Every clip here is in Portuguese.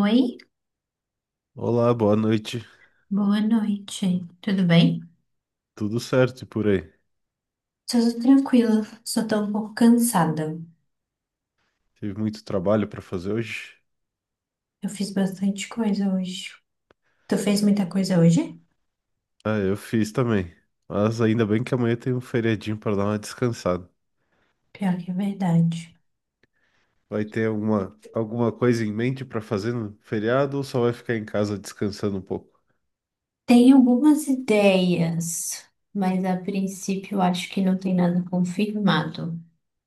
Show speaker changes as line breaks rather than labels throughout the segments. Oi,
Olá, boa noite.
boa noite. Tudo bem?
Tudo certo e por aí?
Tudo tranquilo, só tô um pouco cansada.
Tive muito trabalho para fazer hoje?
Eu fiz bastante coisa hoje. Tu fez muita coisa hoje?
Ah, eu fiz também. Mas ainda bem que amanhã tem um feriadinho para dar uma descansada.
Pior que é verdade.
Vai ter alguma coisa em mente para fazer no feriado ou só vai ficar em casa descansando um pouco?
Tenho algumas ideias, mas a princípio eu acho que não tem nada confirmado.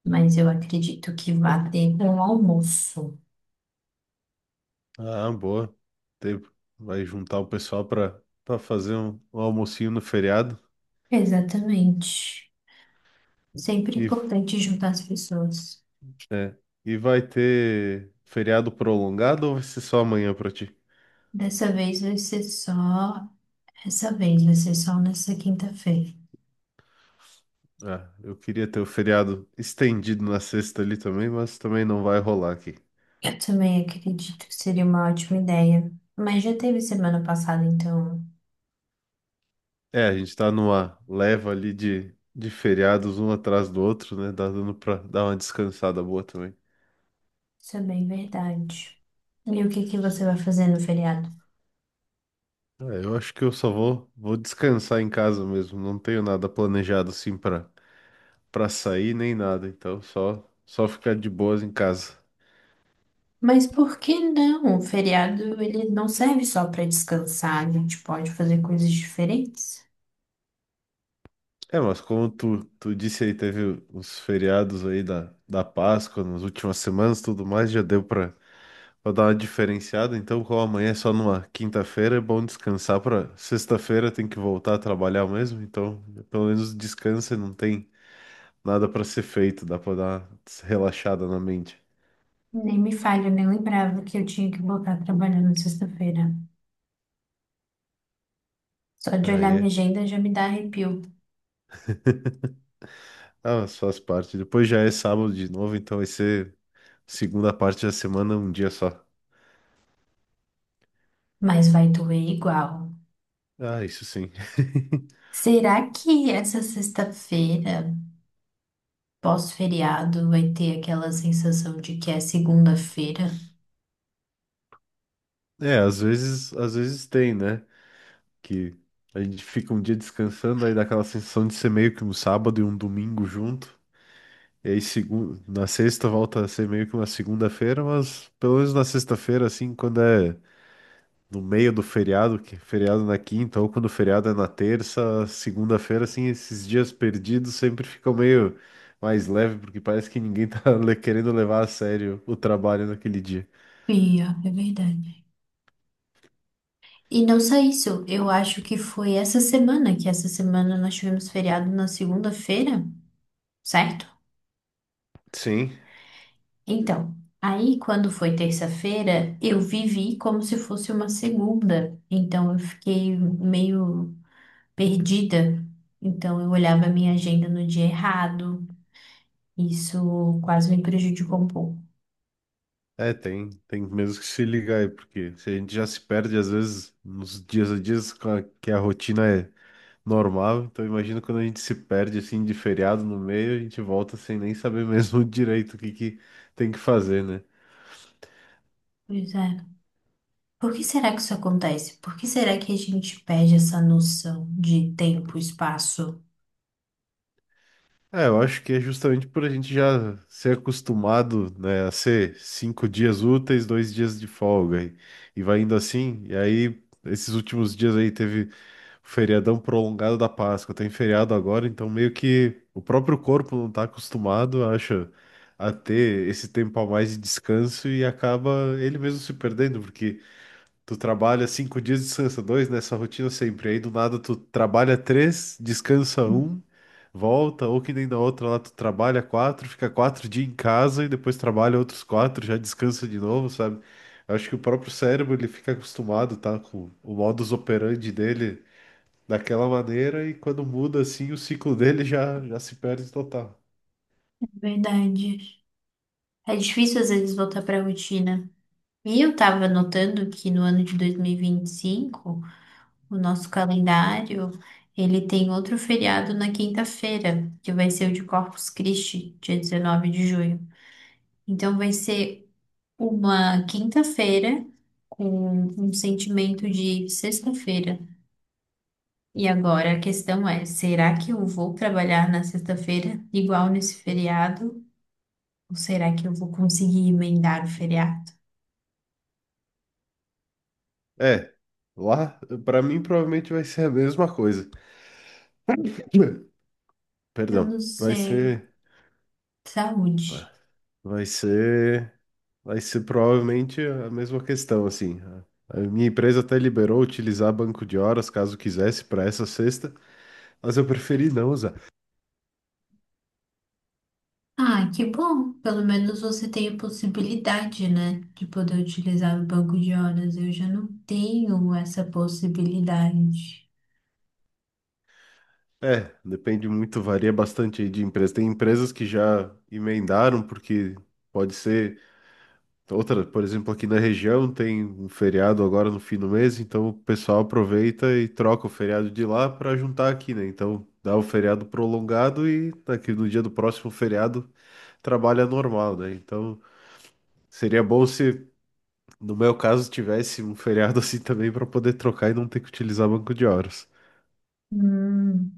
Mas eu acredito que vá ter um almoço.
Ah, boa. Tem- Vai juntar o pessoal para fazer um almocinho no feriado
Exatamente. Sempre
e
importante juntar as pessoas.
é, e vai ter feriado prolongado ou vai ser só amanhã para ti?
Dessa vez vai ser só. Essa vez vai ser só nessa quinta-feira.
Ah, eu queria ter o feriado estendido na sexta ali também, mas também não vai rolar aqui.
Eu também acredito que seria uma ótima ideia. Mas já teve semana passada, então
É, a gente tá numa leva ali de feriados um atrás do outro, né? Dá dando pra dar uma descansada boa também.
isso é bem verdade. E o que que você vai fazer no feriado?
Ah, eu acho que eu só vou descansar em casa mesmo. Não tenho nada planejado assim pra sair nem nada. Então só ficar de boas em casa.
Mas por que não? O feriado ele não serve só para descansar, a gente pode fazer coisas diferentes.
É, mas como tu disse aí, teve os feriados aí da Páscoa nas últimas semanas e tudo mais, já deu pra pra dar uma diferenciada, então, como amanhã é só numa quinta-feira, é bom descansar pra sexta-feira tem que voltar a trabalhar mesmo, então pelo menos descansa e não tem nada pra ser feito, dá pra dar uma relaxada na mente.
Nem me falha, eu nem lembrava que eu tinha que voltar trabalhando sexta-feira. Só de olhar
Aí
minha
é.
agenda já me dá arrepio.
Ah, mas faz parte. Depois já é sábado de novo, então vai ser segunda parte da semana, um dia só.
Mas vai doer igual.
Ah, isso sim.
Será que essa sexta-feira, pós-feriado, vai ter aquela sensação de que é segunda-feira?
É, às vezes tem, né? Que a gente fica um dia descansando, aí dá aquela sensação de ser meio que um sábado e um domingo junto. E aí, na sexta volta a ser meio que uma segunda-feira, mas pelo menos na sexta-feira, assim, quando é no meio do feriado, que é feriado na quinta, ou quando o feriado é na terça, segunda-feira, assim, esses dias perdidos sempre ficam meio mais leve, porque parece que ninguém tá querendo levar a sério o trabalho naquele dia.
Pia, é verdade. E não só isso, eu acho que foi essa semana, que essa semana nós tivemos feriado na segunda-feira, certo?
Sim,
Então, aí quando foi terça-feira, eu vivi como se fosse uma segunda. Então, eu fiquei meio perdida. Então, eu olhava a minha agenda no dia errado. Isso quase me prejudicou um pouco.
é, tem mesmo que se ligar aí, porque se a gente já se perde, às vezes, nos dias a dias, que a rotina é normal. Então imagina quando a gente se perde assim de feriado no meio, a gente volta sem nem saber mesmo direito o que que tem que fazer, né?
Pois é. Por que será que isso acontece? Por que será que a gente perde essa noção de tempo, espaço?
É, eu acho que é justamente por a gente já ser acostumado, né, a ser cinco dias úteis, dois dias de folga e vai indo assim. E aí esses últimos dias aí teve o feriadão prolongado da Páscoa, tem feriado agora, então meio que o próprio corpo não está acostumado, acha, a ter esse tempo a mais de descanso e acaba ele mesmo se perdendo, porque tu trabalha cinco dias, descansa dois nessa rotina sempre. Aí do nada tu trabalha três, descansa um, volta, ou que nem na outra lá tu trabalha quatro, fica quatro dias em casa e depois trabalha outros quatro, já descansa de novo, sabe? Eu acho que o próprio cérebro ele fica acostumado, tá? Com o modus operandi dele daquela maneira e quando muda assim, o ciclo dele já se perde total.
Verdade. É difícil às vezes voltar para a rotina. E eu estava notando que no ano de 2025, o nosso calendário, ele tem outro feriado na quinta-feira, que vai ser o de Corpus Christi, dia 19 de junho. Então vai ser uma quinta-feira com um sentimento de sexta-feira. E agora a questão é: será que eu vou trabalhar na sexta-feira, igual nesse feriado? Ou será que eu vou conseguir emendar o feriado?
É, lá, pra mim provavelmente vai ser a mesma coisa.
Eu
Perdão,
não
vai
sei.
ser. Tá.
Saúde.
Vai ser, vai ser provavelmente a mesma questão, assim. A minha empresa até liberou utilizar banco de horas caso quisesse para essa sexta, mas eu preferi não usar.
Ah, que bom. Pelo menos você tem a possibilidade, né, de poder utilizar o banco de horas. Eu já não tenho essa possibilidade.
É, depende muito, varia bastante aí de empresa. Tem empresas que já emendaram, porque pode ser outra, por exemplo, aqui na região tem um feriado agora no fim do mês, então o pessoal aproveita e troca o feriado de lá para juntar aqui, né? Então dá o feriado prolongado e daqui no dia do próximo feriado trabalha normal, né? Então seria bom se, no meu caso, tivesse um feriado assim também para poder trocar e não ter que utilizar banco de horas.
Hum,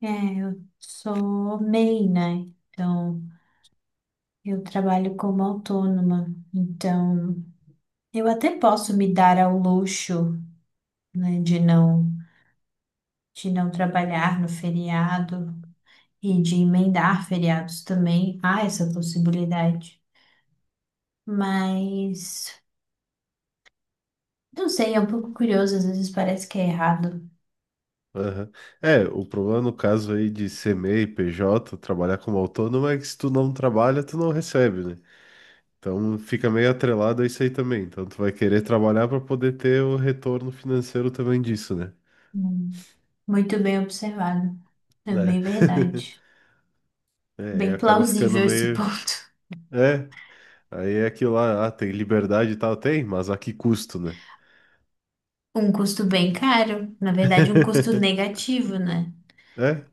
é, eu sou MEI, né? Então. Eu trabalho como autônoma, então eu até posso me dar ao luxo, né, de não trabalhar no feriado e de emendar feriados também. Há essa possibilidade. Mas não sei, é um pouco curioso, às vezes parece que é errado.
Aham. É, o problema no caso aí de ser MEI, PJ, trabalhar como autônomo é que se tu não trabalha, tu não recebe, né? Então fica meio atrelado a isso aí também. Então tu vai querer trabalhar para poder ter o retorno financeiro também disso, né?
Hum, Muito bem observado. É
Né?
bem verdade.
É, e
Bem
acaba ficando
plausível esse
meio.
ponto.
É, aí é aquilo lá, ah, tem liberdade e tal, tem, mas a que custo, né?
Um custo bem caro, na verdade, um custo negativo, né?
É.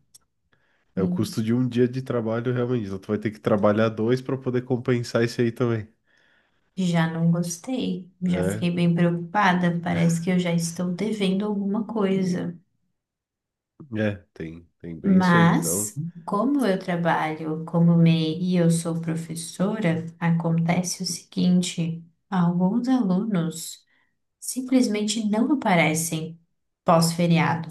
É o custo de um dia de trabalho, realmente. Então, tu vai ter que trabalhar dois para poder compensar isso aí também.
Já não gostei, já
É,
fiquei bem preocupada. Parece que eu já estou devendo alguma coisa.
é, tem bem isso aí.
Mas,
Então,
como eu trabalho como MEI e eu sou professora, acontece o seguinte: alguns alunos simplesmente não aparecem pós-feriado.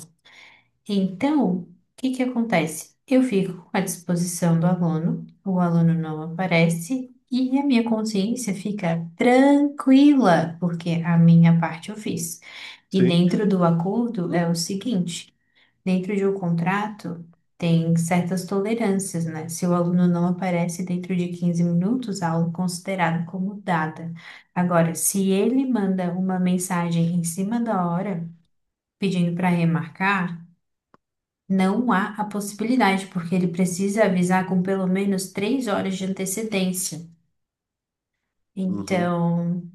Então, o que que acontece? Eu fico à disposição do aluno, o aluno não aparece e a minha consciência fica tranquila, porque a minha parte eu fiz. E
sim.
dentro do acordo é o seguinte: dentro de um contrato tem certas tolerâncias, né? Se o aluno não aparece dentro de 15 minutos, a aula é considerada como dada. Agora, se ele manda uma mensagem em cima da hora, pedindo para remarcar, não há a possibilidade, porque ele precisa avisar com pelo menos 3 horas de antecedência.
Uhum.
Então,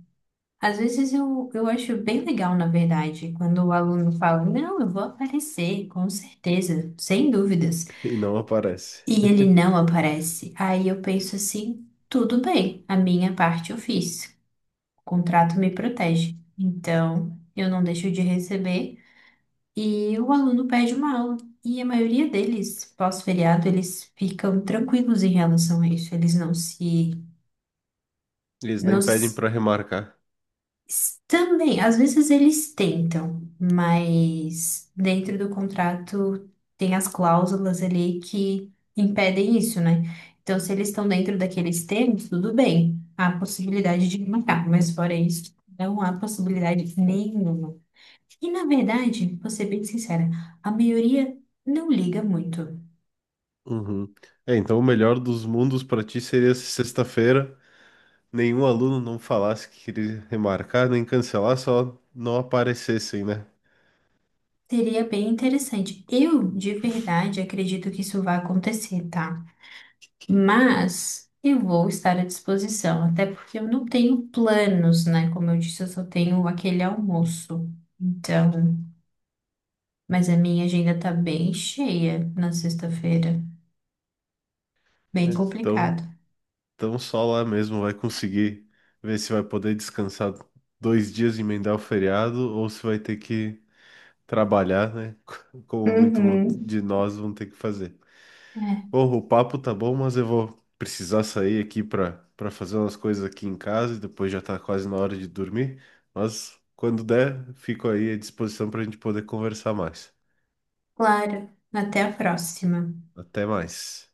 às vezes eu acho bem legal, na verdade, quando o aluno fala, não, eu vou aparecer, com certeza, sem dúvidas,
E não aparece.
e ele não aparece. Aí eu penso assim, tudo bem, a minha parte eu fiz, o contrato me protege. Então, eu não deixo de receber. E o aluno pede uma aula. E a maioria deles, pós-feriado, eles ficam tranquilos em relação a isso. Eles não se,
Eles
não
nem pedem
se-
para remarcar.
Também, às vezes eles tentam, mas dentro do contrato tem as cláusulas ali que impedem isso, né? Então, se eles estão dentro daqueles termos, tudo bem. Há possibilidade de marcar, mas fora isso, não há possibilidade nenhuma. E na verdade, vou ser bem sincera, a maioria não liga muito.
Uhum. É, então o melhor dos mundos para ti seria se sexta-feira nenhum aluno não falasse que queria remarcar, nem cancelar, só não aparecessem, né?
Seria bem interessante. Eu, de verdade, acredito que isso vai acontecer, tá? Mas eu vou estar à disposição, até porque eu não tenho planos, né? Como eu disse, eu só tenho aquele almoço. Então, mas a minha agenda tá bem cheia na sexta-feira. Bem
É. Então,
complicado.
então só lá mesmo vai conseguir ver se vai poder descansar dois dias e emendar o feriado ou se vai ter que trabalhar, né? Como muito
Uhum.
de nós vão ter que fazer.
É,
Bom, o papo tá bom, mas eu vou precisar sair aqui para fazer umas coisas aqui em casa e depois já tá quase na hora de dormir. Mas quando der, fico aí à disposição para a gente poder conversar mais.
claro. Até a próxima.
Até mais.